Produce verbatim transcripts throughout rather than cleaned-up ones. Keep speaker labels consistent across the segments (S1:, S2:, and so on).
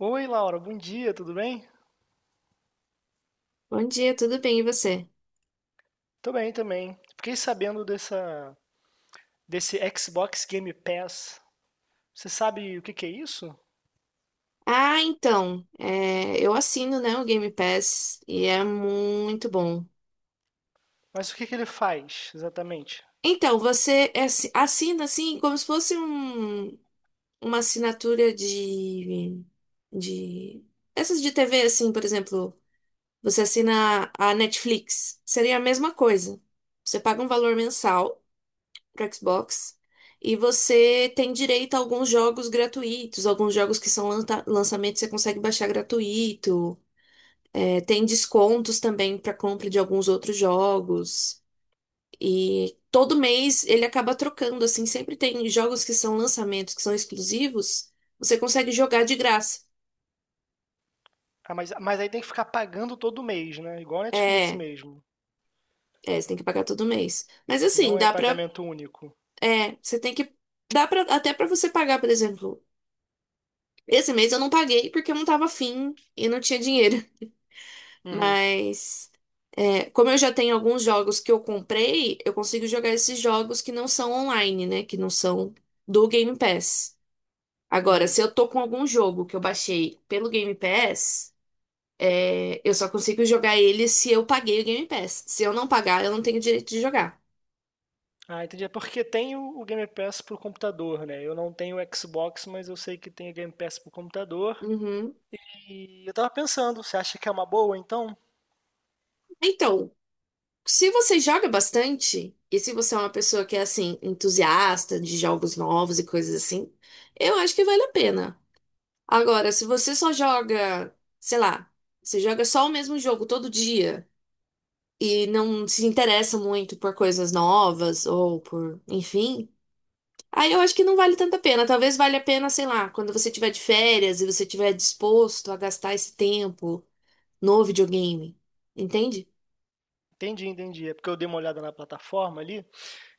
S1: Oi, Laura, bom dia, tudo bem?
S2: Bom dia, tudo bem e você?
S1: Tô bem também. Fiquei sabendo dessa, desse Xbox Game Pass. Você sabe o que que é isso?
S2: Ah, então, é, eu assino, né, o Game Pass e é muito bom.
S1: Mas o que que ele faz exatamente?
S2: Então, você assi- assina assim como se fosse um- uma assinatura de, de essas de T V, assim, por exemplo, você assina a Netflix, seria a mesma coisa. Você paga um valor mensal para Xbox e você tem direito a alguns jogos gratuitos, alguns jogos que são lançamentos você consegue baixar gratuito. Tem descontos também para compra de alguns outros jogos. E todo mês ele acaba trocando, assim, sempre tem jogos que são lançamentos, que são exclusivos, você consegue jogar de graça.
S1: Ah, mas, mas aí tem que ficar pagando todo mês, né? Igual a Netflix
S2: É,
S1: mesmo.
S2: é, você tem que pagar todo mês. Mas assim,
S1: Não é
S2: dá pra.
S1: pagamento único.
S2: É, você tem que. Dá pra, até pra você pagar, por exemplo. Esse mês eu não paguei porque eu não tava afim e não tinha dinheiro.
S1: Uhum,
S2: Mas é, como eu já tenho alguns jogos que eu comprei, eu consigo jogar esses jogos que não são online, né? Que não são do Game Pass. Agora,
S1: uhum.
S2: se eu tô com algum jogo que eu baixei pelo Game Pass, é, eu só consigo jogar ele se eu paguei o Game Pass. Se eu não pagar, eu não tenho direito de jogar.
S1: Ah, entendi. É porque tem o, o Game Pass pro computador, né? Eu não tenho Xbox, mas eu sei que tem o Game Pass pro computador.
S2: Uhum.
S1: E eu tava pensando, você acha que é uma boa então?
S2: Então, se você joga bastante, e se você é uma pessoa que é assim, entusiasta de jogos novos e coisas assim, eu acho que vale a pena. Agora, se você só joga, sei lá, você joga só o mesmo jogo todo dia e não se interessa muito por coisas novas ou por, enfim, aí eu acho que não vale tanta pena. Talvez valha a pena, sei lá, quando você tiver de férias e você tiver disposto a gastar esse tempo no videogame, entende?
S1: Entendi, entendi. É porque eu dei uma olhada na plataforma ali.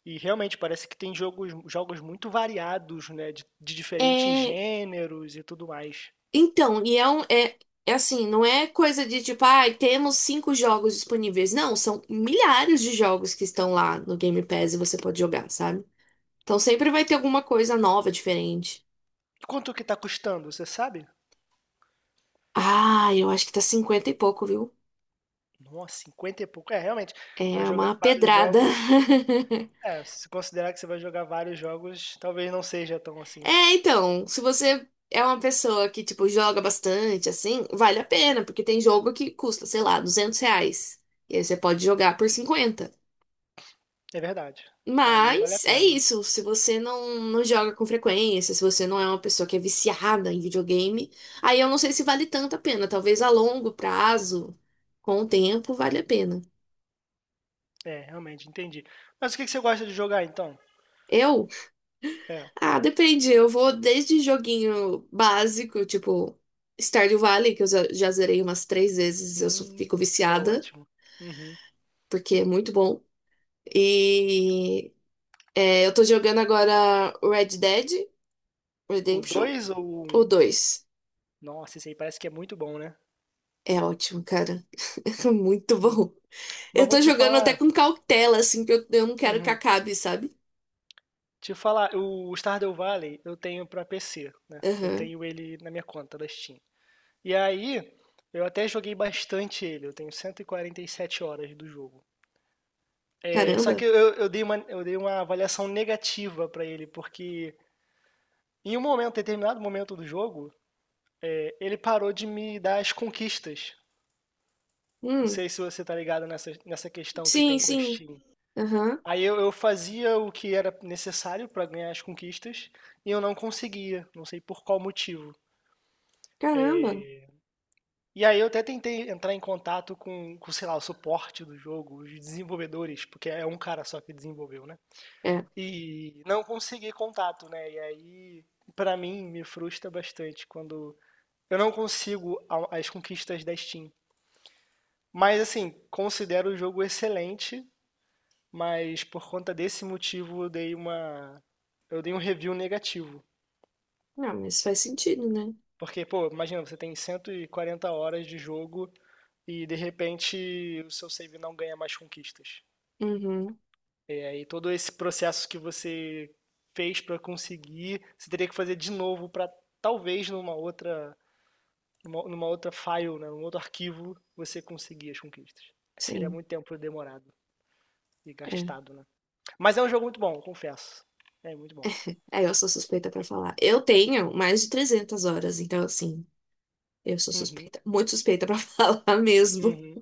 S1: E realmente parece que tem jogos, jogos muito variados, né? De, de diferentes
S2: É,
S1: gêneros e tudo mais.
S2: então, e é um, é, é assim, não é coisa de tipo, ai, temos cinco jogos disponíveis. Não, são milhares de jogos que estão lá no Game Pass e você pode jogar, sabe? Então sempre vai ter alguma coisa nova, diferente.
S1: Quanto que tá custando, você sabe?
S2: Ah, eu acho que tá cinquenta e pouco, viu?
S1: Nossa, cinquenta e pouco. É, realmente, para
S2: É
S1: jogar
S2: uma
S1: vários
S2: pedrada.
S1: jogos, é, se considerar que você vai jogar vários jogos, talvez não seja tão assim.
S2: É, então, se você é uma pessoa que, tipo, joga bastante, assim, vale a pena, porque tem jogo que custa, sei lá, duzentos reais. E aí você pode jogar por cinquenta.
S1: É verdade. Aí vale a
S2: Mas é
S1: pena.
S2: isso, se você não, não joga com frequência, se você não é uma pessoa que é viciada em videogame, aí eu não sei se vale tanto a pena. Talvez a longo prazo, com o tempo, vale a pena.
S1: É, realmente, entendi. Mas o que que você gosta de jogar então?
S2: Eu
S1: É.
S2: ah, depende. Eu vou desde joguinho básico, tipo Stardew Valley, que eu já já zerei umas três vezes, eu só
S1: Hum,
S2: fico
S1: isso é
S2: viciada,
S1: ótimo. Uhum.
S2: porque é muito bom. E é, eu tô jogando agora Red Dead
S1: O
S2: Redemption,
S1: dois ou o
S2: o
S1: um?
S2: dois.
S1: Nossa, esse aí parece que é muito bom, né?
S2: É ótimo, cara. É muito
S1: Hum.
S2: bom.
S1: Mas
S2: Eu
S1: vou
S2: tô
S1: te
S2: jogando até
S1: falar.
S2: com cautela, assim, que eu, eu não quero que
S1: Uhum.
S2: acabe, sabe?
S1: Te falar, o Stardew Valley eu tenho pra P C, né? Eu
S2: Aham.
S1: tenho ele na minha conta da Steam. E aí, eu até joguei bastante ele, eu tenho cento e e quarenta e sete horas do jogo. É, só que
S2: Caramba.
S1: eu, eu dei uma, eu dei uma avaliação negativa pra ele, porque em um momento, determinado momento do jogo, é, ele parou de me dar as conquistas. Não
S2: Hum,
S1: sei se você tá ligado nessa, nessa questão que
S2: sim,
S1: tem com a
S2: sim.
S1: Steam.
S2: Aham.
S1: Aí eu, eu fazia o que era necessário pra ganhar as conquistas e eu não conseguia, não sei por qual motivo.
S2: Caramba.
S1: E aí eu até tentei entrar em contato com, com, sei lá, o suporte do jogo, os desenvolvedores, porque é um cara só que desenvolveu, né?
S2: É.
S1: E não consegui contato, né? E aí, pra mim, me frustra bastante quando eu não consigo a- as conquistas da Steam. Mas assim, considero o jogo excelente, mas por conta desse motivo eu dei uma eu dei um review negativo.
S2: Não, mas faz sentido, né?
S1: Porque, pô, imagina, você tem cento e quarenta horas de jogo e de repente o seu save não ganha mais conquistas.
S2: Uhum,
S1: É, E todo esse processo que você fez para conseguir, você teria que fazer de novo para talvez numa outra numa, numa outra file, né, num outro arquivo, você conseguir as conquistas. Seria
S2: sim.
S1: muito tempo demorado e
S2: É.
S1: gastado, né? Mas é um jogo muito bom, confesso. É muito bom.
S2: É, eu sou suspeita pra falar. Eu tenho mais de trezentas horas, então, assim, eu sou
S1: Uhum,
S2: suspeita. Muito suspeita pra falar mesmo.
S1: uhum,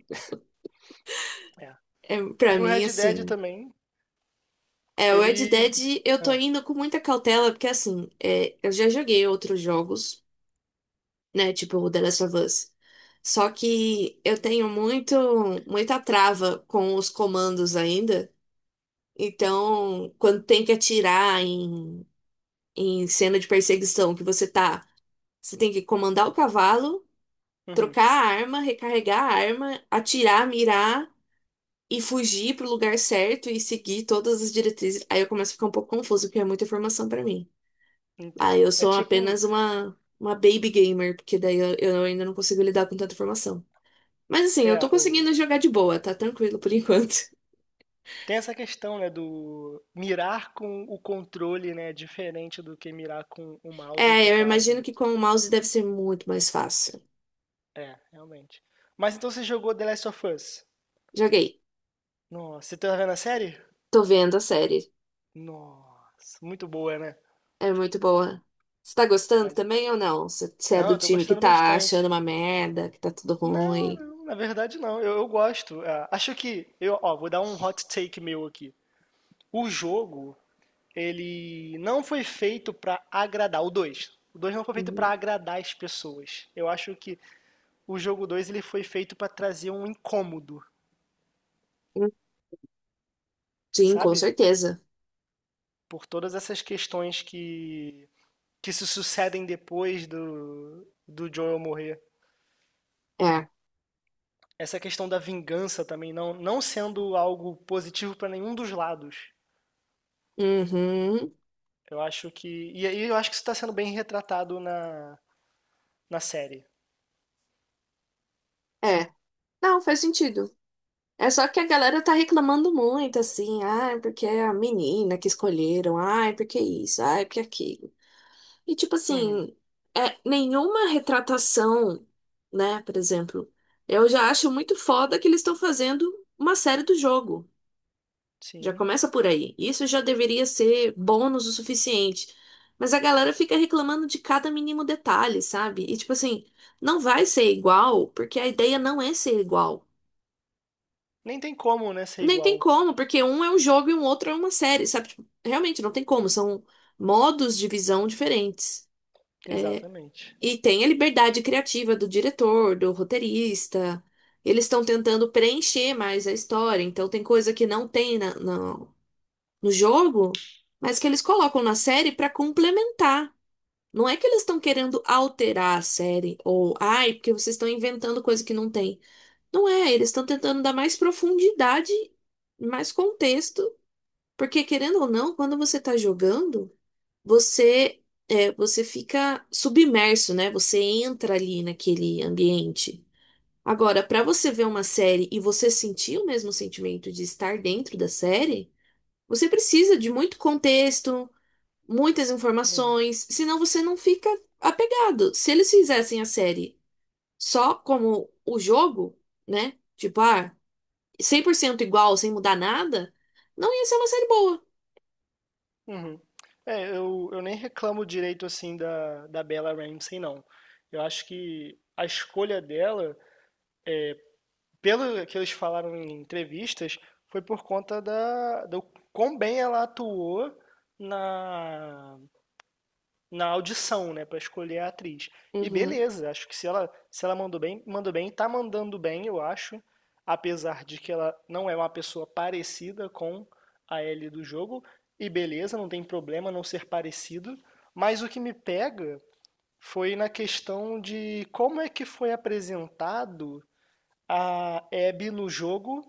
S1: é.
S2: É, pra
S1: E o
S2: mim,
S1: Red Dead
S2: assim.
S1: também,
S2: É, o Red
S1: ele.
S2: Dead eu tô
S1: Ah,
S2: indo com muita cautela, porque, assim, é, eu já joguei outros jogos, né? Tipo o The Last of Us. Só que eu tenho muito, muita trava com os comandos ainda. Então, quando tem que atirar em, em cena de perseguição, que você tá, você tem que comandar o cavalo,
S1: uhum,
S2: trocar a arma, recarregar a arma, atirar, mirar e fugir pro lugar certo e seguir todas as diretrizes. Aí eu começo a ficar um pouco confuso, porque é muita informação pra mim. Aí eu
S1: entendo. É
S2: sou
S1: tipo,
S2: apenas uma, uma baby gamer, porque daí eu, eu ainda não consigo lidar com tanta informação. Mas assim, eu
S1: é,
S2: tô
S1: o
S2: conseguindo jogar de boa, tá tranquilo por enquanto.
S1: Tem essa questão, né, do mirar com o controle, né, diferente do que mirar com o mouse e
S2: É, eu
S1: teclado,
S2: imagino
S1: né?
S2: que com o mouse deve ser muito mais fácil.
S1: É, realmente. Mas então você jogou The Last of Us?
S2: Joguei.
S1: Nossa, você tá vendo a série?
S2: Tô vendo a série.
S1: Nossa, muito boa, né?
S2: É muito boa. Você tá gostando
S1: Mas,
S2: também ou não? Você você é
S1: não,
S2: do
S1: eu tô
S2: time que
S1: gostando
S2: tá achando
S1: bastante.
S2: uma merda, que tá tudo
S1: Não,
S2: ruim.
S1: não, na verdade não, eu, eu gosto. Ah, acho que, eu, ó, vou dar um hot take meu aqui. O jogo, ele não foi feito pra agradar, o dois O dois não foi feito pra
S2: Uhum.
S1: agradar as pessoas. Eu acho que o jogo dois ele foi feito para trazer um incômodo,
S2: Hum, sim, com
S1: sabe?
S2: certeza.
S1: Por todas essas questões que, que se sucedem depois do, do Joel morrer.
S2: É.
S1: Essa questão da vingança também não, não sendo algo positivo para nenhum dos lados.
S2: Uhum.
S1: Eu acho que. E aí eu acho que isso está sendo bem retratado na, na série.
S2: É. Não, faz sentido. É só que a galera tá reclamando muito, assim, ah, porque é a menina que escolheram, ah, porque isso, ah, porque aquilo. E tipo
S1: Uhum,
S2: assim, é nenhuma retratação, né? Por exemplo, eu já acho muito foda que eles estão fazendo uma série do jogo. Já
S1: sim.
S2: começa por aí. Isso já deveria ser bônus o suficiente. Mas a galera fica reclamando de cada mínimo detalhe, sabe? E tipo assim, não vai ser igual, porque a ideia não é ser igual.
S1: Nem tem como, né, ser
S2: Nem tem
S1: igual.
S2: como, porque um é um jogo e um outro é uma série, sabe? Tipo, realmente não tem como, são modos de visão diferentes.
S1: Exatamente.
S2: E tem a liberdade criativa do diretor, do roteirista. Eles estão tentando preencher mais a história, então tem coisa que não tem na, na- no jogo, mas que eles colocam na série para complementar. Não é que eles estão querendo alterar a série, ou ai, porque vocês estão inventando coisa que não tem. Não é, eles estão tentando dar mais profundidade, mais contexto, porque querendo ou não, quando você está jogando, você é, você fica submerso, né? Você entra ali naquele ambiente. Agora, para você ver uma série e você sentir o mesmo sentimento de estar dentro da série, você precisa de muito contexto, muitas
S1: Uhum.
S2: informações, senão você não fica apegado. Se eles fizessem a série só como o jogo, né? Tipo, ah, cem por cento igual, sem mudar nada, não ia ser uma série boa.
S1: Uhum. É, eu, eu nem reclamo direito assim da, da Bella Ramsey, não. Eu acho que a escolha dela, pelo que eles falaram em entrevistas, foi por conta da, do quão bem ela atuou na, na audição, né, para escolher a atriz. E
S2: Uhum.
S1: beleza, acho que se ela se ela mandou bem, mandou bem, tá mandando bem, eu acho, apesar de que ela não é uma pessoa parecida com a Ellie do jogo, e beleza, não tem problema não ser parecido, mas o que me pega foi na questão de como é que foi apresentado a Abby no jogo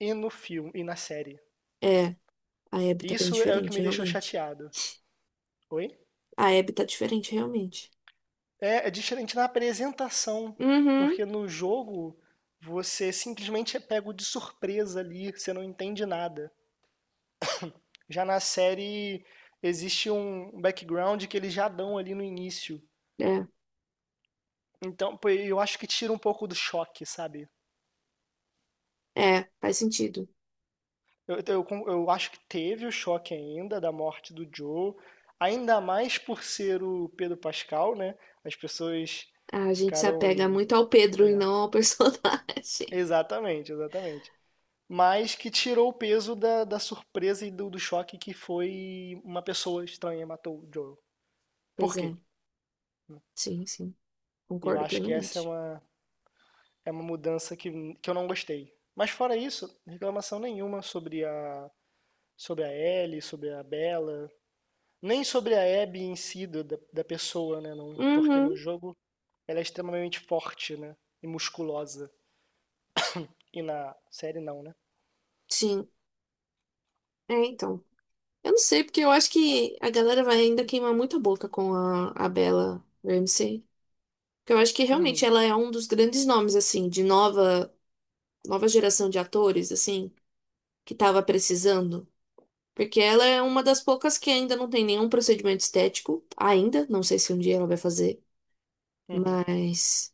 S1: e no filme e na série.
S2: É, a Abby tá bem
S1: Isso é o que me
S2: diferente,
S1: deixou
S2: realmente.
S1: chateado. Oi?
S2: A Abby tá diferente, realmente.
S1: É, é diferente na apresentação,
S2: Uhum.
S1: porque no jogo você simplesmente é pego de surpresa ali, você não entende nada. Já na série existe um background que eles já dão ali no início.
S2: É,
S1: Então, pô, eu acho que tira um pouco do choque, sabe?
S2: é, faz sentido.
S1: Eu, eu, eu acho que teve o choque ainda da morte do Joe, ainda mais por ser o Pedro Pascal, né? As pessoas
S2: A gente se apega
S1: ficaram.
S2: muito ao Pedro e
S1: É,
S2: não ao personagem.
S1: exatamente, exatamente. Mas que tirou o peso da, da surpresa e do, do choque que foi uma pessoa estranha matou o Joel. Por
S2: Pois
S1: quê?
S2: é, sim, sim,
S1: Eu
S2: concordo
S1: acho que essa é
S2: plenamente.
S1: uma, é uma mudança que, que eu não gostei. Mas fora isso, reclamação nenhuma sobre a, sobre a Ellie, sobre a Bella, nem sobre a Abby em si, do- da, da pessoa, né? Não, porque
S2: Uhum,
S1: no jogo ela é extremamente forte, né? E musculosa. E na série não, né?
S2: sim. É, então. Eu não sei, porque eu acho que a galera vai ainda queimar muita boca com a, a Bella Ramsey. Porque eu acho que realmente
S1: Uhum,
S2: ela é um dos grandes nomes, assim, de nova, nova geração de atores, assim, que tava precisando. Porque ela é uma das poucas que ainda não tem nenhum procedimento estético, ainda. Não sei se um dia ela vai fazer,
S1: uhum,
S2: mas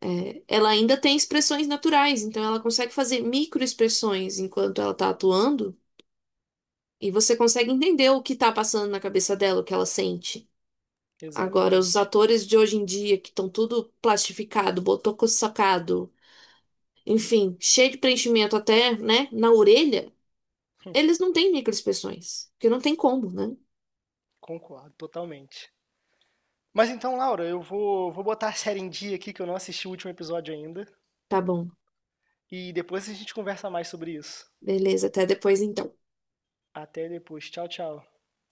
S2: é, ela ainda tem expressões naturais, então ela consegue fazer microexpressões enquanto ela tá atuando, e você consegue entender o que tá passando na cabeça dela, o que ela sente. Agora, os
S1: exatamente.
S2: atores de hoje em dia, que estão tudo plastificado, botocossacado, enfim, cheio de preenchimento até, né, na orelha, eles não têm microexpressões, porque não tem como, né?
S1: Concordo totalmente. Mas então, Laura, eu vou, vou botar a série em dia aqui, que eu não assisti o último episódio ainda.
S2: Tá bom,
S1: E depois a gente conversa mais sobre isso.
S2: beleza, até depois então.
S1: Até depois. Tchau, tchau.